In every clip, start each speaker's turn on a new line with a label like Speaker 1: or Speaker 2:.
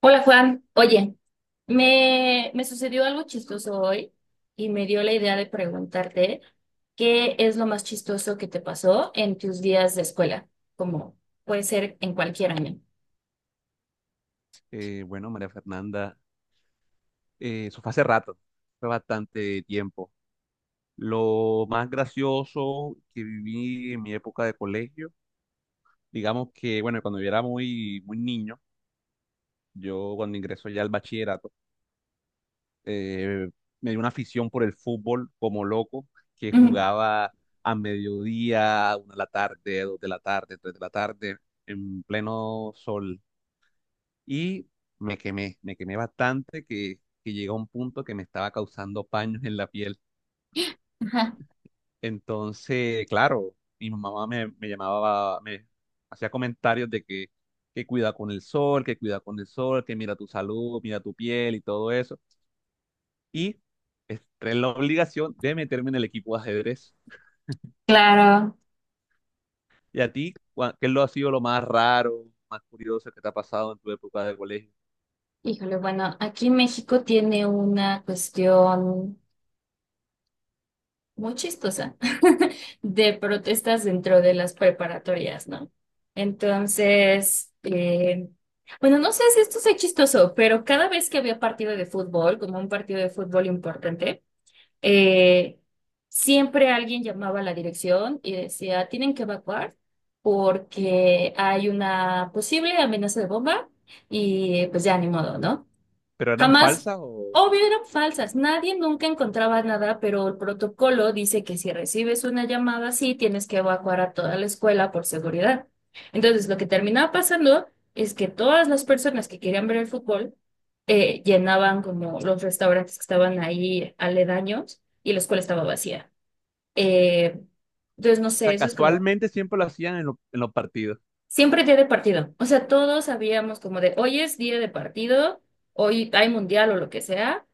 Speaker 1: Hola Juan, oye, me sucedió algo chistoso hoy y me dio la idea de preguntarte qué es lo más chistoso que te pasó en tus días de escuela, como puede ser en cualquier año.
Speaker 2: Bueno, María Fernanda, eso fue hace rato, fue bastante tiempo. Lo más gracioso que viví en mi época de colegio, digamos que, bueno, cuando yo era muy, muy niño, yo cuando ingresó ya al bachillerato, eh, me dio una afición por el fútbol como loco, que
Speaker 1: Ujú.
Speaker 2: jugaba a mediodía, una de la tarde, dos de la tarde, tres de la tarde, en pleno sol. Y me quemé bastante que, llegó a un punto que me estaba causando paños en la piel.
Speaker 1: Ajá.
Speaker 2: Entonces, claro, mi mamá me llamaba, me hacía comentarios de que cuida con el sol, que cuida con el sol, que mira tu salud, mira tu piel y todo eso. Y entré en la obligación de meterme en el equipo de ajedrez.
Speaker 1: Claro.
Speaker 2: ¿Y a ti, qué lo ha sido lo más raro, más curioso que te ha pasado en tu época de colegio?
Speaker 1: Híjole, bueno, aquí México tiene una cuestión muy chistosa de protestas dentro de las preparatorias, ¿no? Entonces, bueno, no sé si esto sea chistoso, pero cada vez que había partido de fútbol, como un partido de fútbol importante, eh, siempre alguien llamaba a la dirección y decía, tienen que evacuar porque hay una posible amenaza de bomba y pues ya ni modo, ¿no?
Speaker 2: ¿Pero eran
Speaker 1: Jamás,
Speaker 2: falsas o
Speaker 1: obvio, eran falsas. Nadie nunca encontraba nada, pero el protocolo dice que si recibes una llamada así, tienes que evacuar a toda la escuela por seguridad. Entonces, lo que terminaba pasando es que todas las personas que querían ver el fútbol llenaban como los restaurantes que estaban ahí aledaños y la escuela estaba vacía. Eh, entonces, no sé,
Speaker 2: sea,
Speaker 1: eso es como...
Speaker 2: casualmente siempre lo hacían en, en los partidos?
Speaker 1: Siempre día de partido. O sea, todos sabíamos como de hoy es día de partido, hoy hay mundial o lo que sea,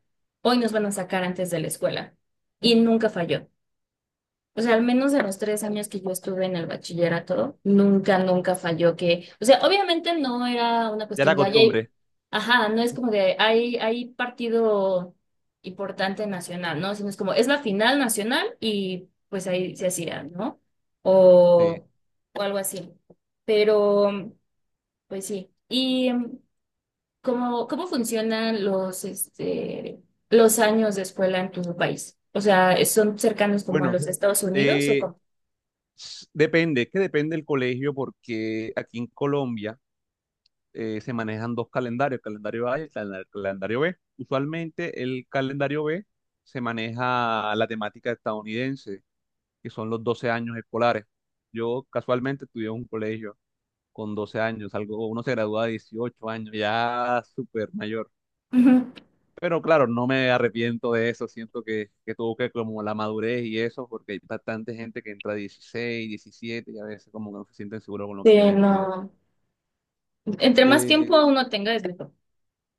Speaker 1: hoy nos van a sacar antes de la escuela. Y nunca falló. O sea, al menos de los 3 años que yo estuve en el bachillerato, nunca, nunca falló que, o sea, obviamente no era una
Speaker 2: Ya la
Speaker 1: cuestión de, ay, ay,
Speaker 2: costumbre.
Speaker 1: ajá, no es como de, hay partido importante nacional, ¿no? Sino es como, es la final nacional y pues ahí se hacía, ¿no?
Speaker 2: Sí.
Speaker 1: O, o algo así. Pero. Pues sí. ¿Y cómo funcionan los, este, los años de escuela en tu país? O sea, ¿son cercanos como a
Speaker 2: Bueno,
Speaker 1: los de Estados Unidos o
Speaker 2: eh,
Speaker 1: cómo?
Speaker 2: depende, es que depende del colegio porque aquí en Colombia se manejan dos calendarios, el calendario A y el el calendario B. Usualmente el calendario B se maneja la temática estadounidense, que son los 12 años escolares. Yo casualmente estudié en un colegio con 12 años, algo, uno se gradúa a 18 años, ya súper mayor.
Speaker 1: Ujú.
Speaker 2: Pero claro, no me arrepiento de eso, siento que, tuvo que como la madurez y eso, porque hay bastante gente que entra a 16, 17 y a veces como que no se sienten seguros con lo que
Speaker 1: Sí,
Speaker 2: quieren estudiar.
Speaker 1: no. Entre más
Speaker 2: Eh,
Speaker 1: tiempo uno tenga, es mejor.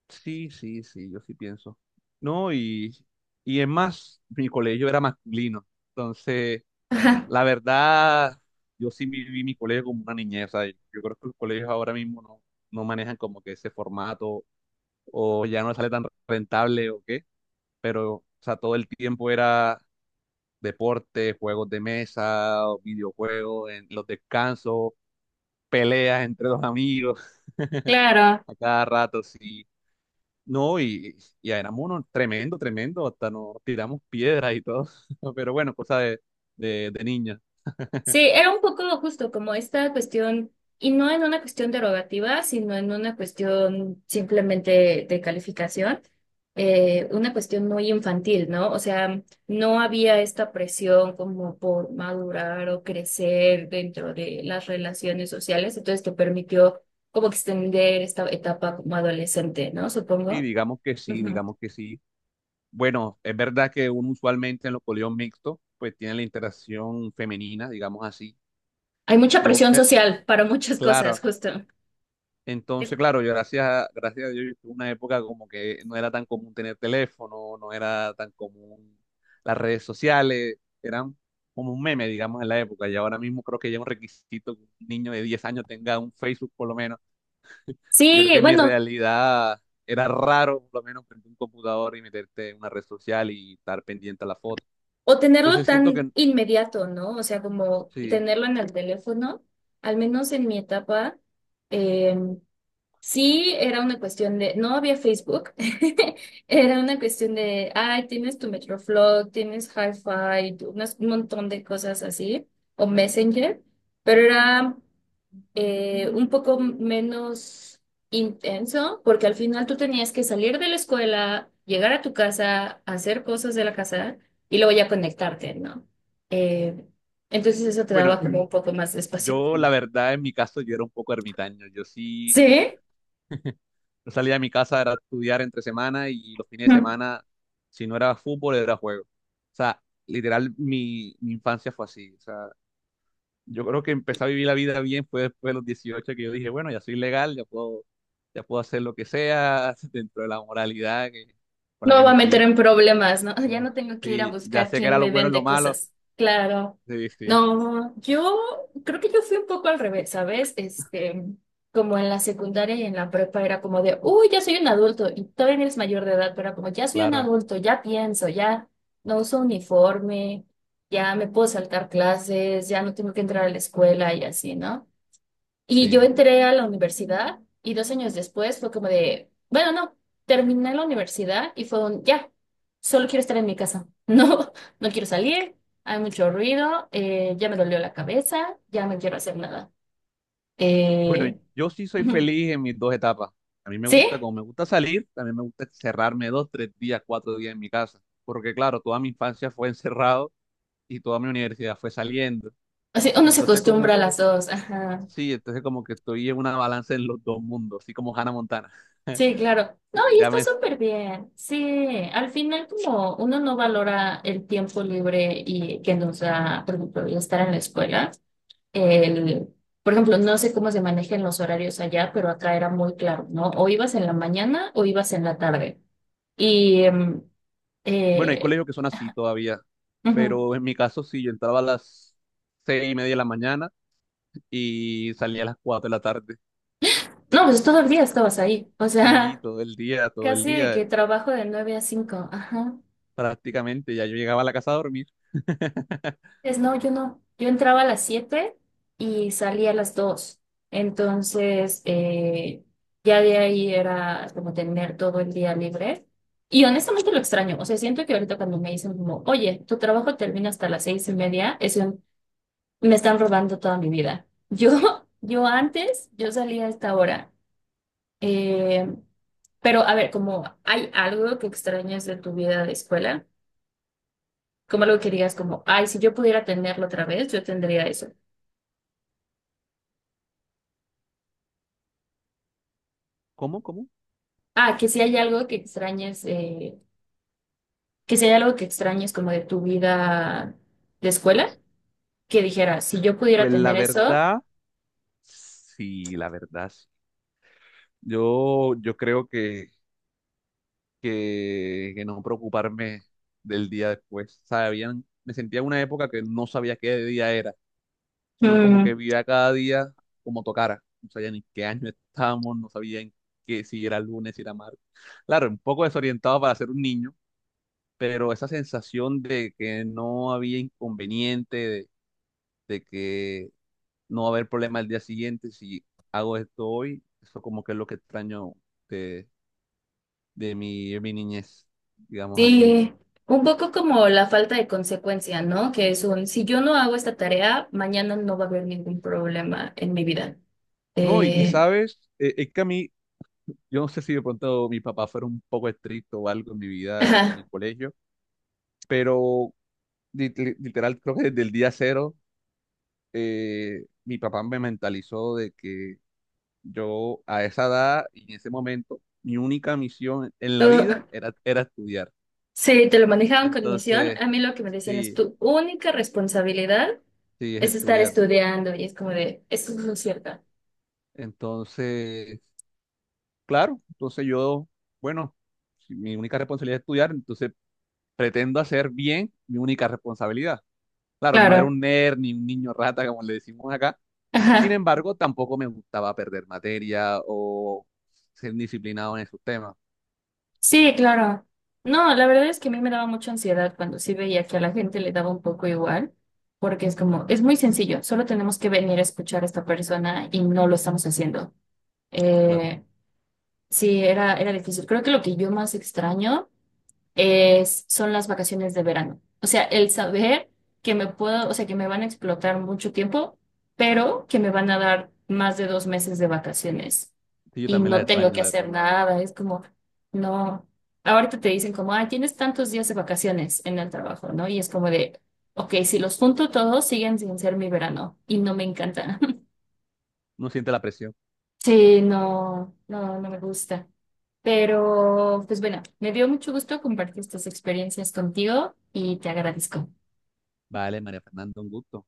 Speaker 2: sí, sí, sí, yo sí pienso. No, y es más, mi colegio era masculino, entonces
Speaker 1: Ajá.
Speaker 2: la verdad, yo sí viví mi colegio como una niñez, o sea, yo creo que los colegios ahora mismo no manejan como que ese formato o ya no sale tan rentable o qué, pero o sea, todo el tiempo era deporte, juegos de mesa, videojuegos, en los descansos, peleas entre los amigos,
Speaker 1: Claro,
Speaker 2: a cada rato, sí. No, y éramos unos tremendo, tremendo, hasta nos tiramos piedras y todo, pero bueno, cosa de, de niños.
Speaker 1: sí, era un poco justo como esta cuestión, y no en una cuestión derogativa, sino en una cuestión simplemente de calificación, una cuestión muy infantil, ¿no? O sea, no había esta presión como por madurar o crecer dentro de las relaciones sociales, entonces te permitió como extender esta etapa como adolescente, ¿no?
Speaker 2: Sí,
Speaker 1: Supongo.
Speaker 2: digamos que sí,
Speaker 1: Ujú.
Speaker 2: digamos que sí. Bueno, es verdad que uno usualmente en los colegios mixtos, pues tiene la interacción femenina, digamos así.
Speaker 1: Hay mucha
Speaker 2: Yo,
Speaker 1: presión
Speaker 2: me-
Speaker 1: social para muchas cosas,
Speaker 2: claro,
Speaker 1: justo. Es-
Speaker 2: entonces, claro, yo gracias a, gracias a Dios yo tuve una época como que no era tan común tener teléfono, no era tan común las redes sociales, eran como un meme, digamos, en la época. Y ahora mismo creo que ya es un requisito que un niño de 10 años tenga un Facebook por lo menos. Yo creo
Speaker 1: Sí,
Speaker 2: que en mi
Speaker 1: bueno.
Speaker 2: realidad era raro por lo menos prender un computador y meterte en una red social y estar pendiente a la foto.
Speaker 1: O tenerlo
Speaker 2: Entonces siento
Speaker 1: tan
Speaker 2: que
Speaker 1: inmediato, ¿no? O sea, como
Speaker 2: sí,
Speaker 1: tenerlo en el teléfono, al menos en mi etapa, eh, sí era una cuestión de, no había Facebook, era una cuestión de, ay, tienes tu Metroflog, tienes hi unas, un montón de cosas así, o Messenger, pero era un poco menos intenso, porque al final tú tenías que salir de la escuela, llegar a tu casa, hacer cosas de la casa y luego ya conectarte, ¿no? Eh, entonces eso te
Speaker 2: bueno,
Speaker 1: daba como un poco más de espacio.
Speaker 2: yo la verdad en mi caso yo era un poco ermitaño. Yo sí,
Speaker 1: ¿Sí?
Speaker 2: yo salía de mi casa, era estudiar entre semana y los fines de semana, si no era fútbol, era juego. O sea, literal, mi infancia fue así. O sea, yo creo que empecé a vivir la vida bien fue después de los 18 que yo dije, bueno, ya soy legal, ya puedo hacer lo que sea dentro de la moralidad que, con la
Speaker 1: No me
Speaker 2: que
Speaker 1: va a
Speaker 2: me
Speaker 1: meter
Speaker 2: crié.
Speaker 1: en problemas, ¿no? Ya
Speaker 2: No,
Speaker 1: no tengo que ir a
Speaker 2: sí, ya
Speaker 1: buscar
Speaker 2: sé que
Speaker 1: quién
Speaker 2: era lo
Speaker 1: me
Speaker 2: bueno y lo
Speaker 1: vende
Speaker 2: malo.
Speaker 1: cosas. Claro.
Speaker 2: Sí, sí,
Speaker 1: No, yo creo que yo fui un poco al revés, ¿sabes? Este, como en la secundaria y en la prepa era como de, uy, ya soy un adulto y todavía no eres mayor de edad, pero era como, ya soy un
Speaker 2: claro,
Speaker 1: adulto, ya pienso, ya no uso uniforme, ya me puedo saltar clases, ya no tengo que entrar a la escuela y así, ¿no? Y yo
Speaker 2: sí.
Speaker 1: entré a la universidad y 2 años después fue como de, bueno, no, terminé la universidad y fue un, ya, solo quiero estar en mi casa. No, no quiero salir, hay mucho ruido, ya me dolió la cabeza, ya no quiero hacer nada.
Speaker 2: Bueno,
Speaker 1: Eh,
Speaker 2: yo sí soy
Speaker 1: Ujú.
Speaker 2: feliz en mis dos etapas. A mí me
Speaker 1: ¿Sí?
Speaker 2: gusta, como me gusta salir, también me gusta cerrarme dos, tres días, cuatro días en mi casa. Porque claro, toda mi infancia fue encerrado y toda mi universidad fue saliendo.
Speaker 1: Así, uno se
Speaker 2: Entonces
Speaker 1: acostumbra a
Speaker 2: como,
Speaker 1: las dos, ajá.
Speaker 2: sí, entonces como que estoy en una balanza en los dos mundos, así como Hannah Montana.
Speaker 1: Sí, claro. No,
Speaker 2: Eh,
Speaker 1: y
Speaker 2: Ya
Speaker 1: está
Speaker 2: me,
Speaker 1: súper bien. Sí, al final como uno no valora el tiempo libre y que nos da, por ejemplo, el estar en la escuela. El, por ejemplo, no sé cómo se manejan los horarios allá, pero acá era muy claro, ¿no? O ibas en la mañana o ibas en la tarde. Y,
Speaker 2: bueno, hay
Speaker 1: eh,
Speaker 2: colegios que son así todavía,
Speaker 1: ujú.
Speaker 2: pero en mi caso sí, yo entraba a las 6:30 de la mañana y salía a las 4:00 de la tarde.
Speaker 1: No, pues todo el día estabas ahí, o
Speaker 2: Sí,
Speaker 1: sea,
Speaker 2: todo el día, todo el
Speaker 1: casi de
Speaker 2: día.
Speaker 1: que trabajo de 9 a 5, ajá.
Speaker 2: Prácticamente. Ya yo llegaba a la casa a dormir.
Speaker 1: Pues no, yo no. Yo entraba a las 7 y salía a las 2. Entonces, ya de ahí era como tener todo el día libre. Y honestamente lo extraño. O sea, siento que ahorita cuando me dicen como, oye, tu trabajo termina hasta las 6:30, es un, me están robando toda mi vida. Yo, yo antes, yo salía a esta hora. Eh, pero a ver, como hay algo que extrañas de tu vida de escuela, como algo que digas como, ay, si yo pudiera tenerlo otra vez, yo tendría eso.
Speaker 2: ¿Cómo, cómo?
Speaker 1: Ah, que si hay algo que extrañes, que si hay algo que extrañes como de tu vida de escuela, que dijeras, si yo pudiera
Speaker 2: Pues la
Speaker 1: tener eso,
Speaker 2: verdad, sí, la verdad, sí. Yo creo que, que no preocuparme del día después. Sabían, me sentía en una época que no sabía qué día era, sino como que
Speaker 1: mm,
Speaker 2: vivía cada día como tocara. No sabía ni qué año estábamos, no sabía en qué, si era lunes, si era martes. Claro, un poco desorientado para ser un niño, pero esa sensación de que no había inconveniente, de que no va a haber problema el día siguiente si hago esto hoy. Eso como que es lo que extraño de, de mi niñez, digamos así.
Speaker 1: sí, un poco como la falta de consecuencia, ¿no? Que es un, si yo no hago esta tarea, mañana no va a haber ningún problema en mi vida.
Speaker 2: No, y
Speaker 1: Eh,
Speaker 2: sabes, es que a mí, yo no sé si de pronto mi papá fuera un poco estricto o algo en mi vida en
Speaker 1: ajá,
Speaker 2: el colegio, pero literal creo que desde el día cero mi papá me mentalizó de que yo a esa edad y en ese momento mi única misión en la vida
Speaker 1: tú-
Speaker 2: era, era estudiar.
Speaker 1: sí, te lo manejaban con misión.
Speaker 2: Entonces,
Speaker 1: A mí lo que me decían es,
Speaker 2: sí,
Speaker 1: tu única responsabilidad
Speaker 2: sí, es
Speaker 1: es estar
Speaker 2: estudiar.
Speaker 1: estudiando y es como de, eso no es lo cierto.
Speaker 2: Entonces, claro, entonces yo, bueno, si mi única responsabilidad es estudiar, entonces pretendo hacer bien mi única responsabilidad. Claro, no era
Speaker 1: Claro.
Speaker 2: un nerd ni un niño rata, como le decimos acá. Sin
Speaker 1: Ajá.
Speaker 2: embargo, tampoco me gustaba perder materia o ser disciplinado en esos temas.
Speaker 1: Sí, claro. No, la verdad es que a mí me daba mucha ansiedad cuando sí veía que a la gente le daba un poco igual, porque es como, es muy sencillo, solo tenemos que venir a escuchar a esta persona y no lo estamos haciendo.
Speaker 2: Claro,
Speaker 1: Eh, sí, era, era difícil. Creo que lo que yo más extraño son las vacaciones de verano. O sea, el saber que me puedo, o sea, que me van a explotar mucho tiempo, pero que me van a dar más de 2 meses de vacaciones
Speaker 2: sí, yo
Speaker 1: y
Speaker 2: también las
Speaker 1: no tengo
Speaker 2: extraño,
Speaker 1: que
Speaker 2: la
Speaker 1: hacer
Speaker 2: verdad.
Speaker 1: nada. Es como, no. Ahorita te dicen como, ah, tienes tantos días de vacaciones en el trabajo, ¿no? Y es como de, ok, si los junto todos, siguen sin ser mi verano y no me encanta.
Speaker 2: No siente la presión.
Speaker 1: Sí, no, no, no me gusta. Pero, pues bueno, me dio mucho gusto compartir estas experiencias contigo y te agradezco.
Speaker 2: Vale, María Fernanda, un gusto.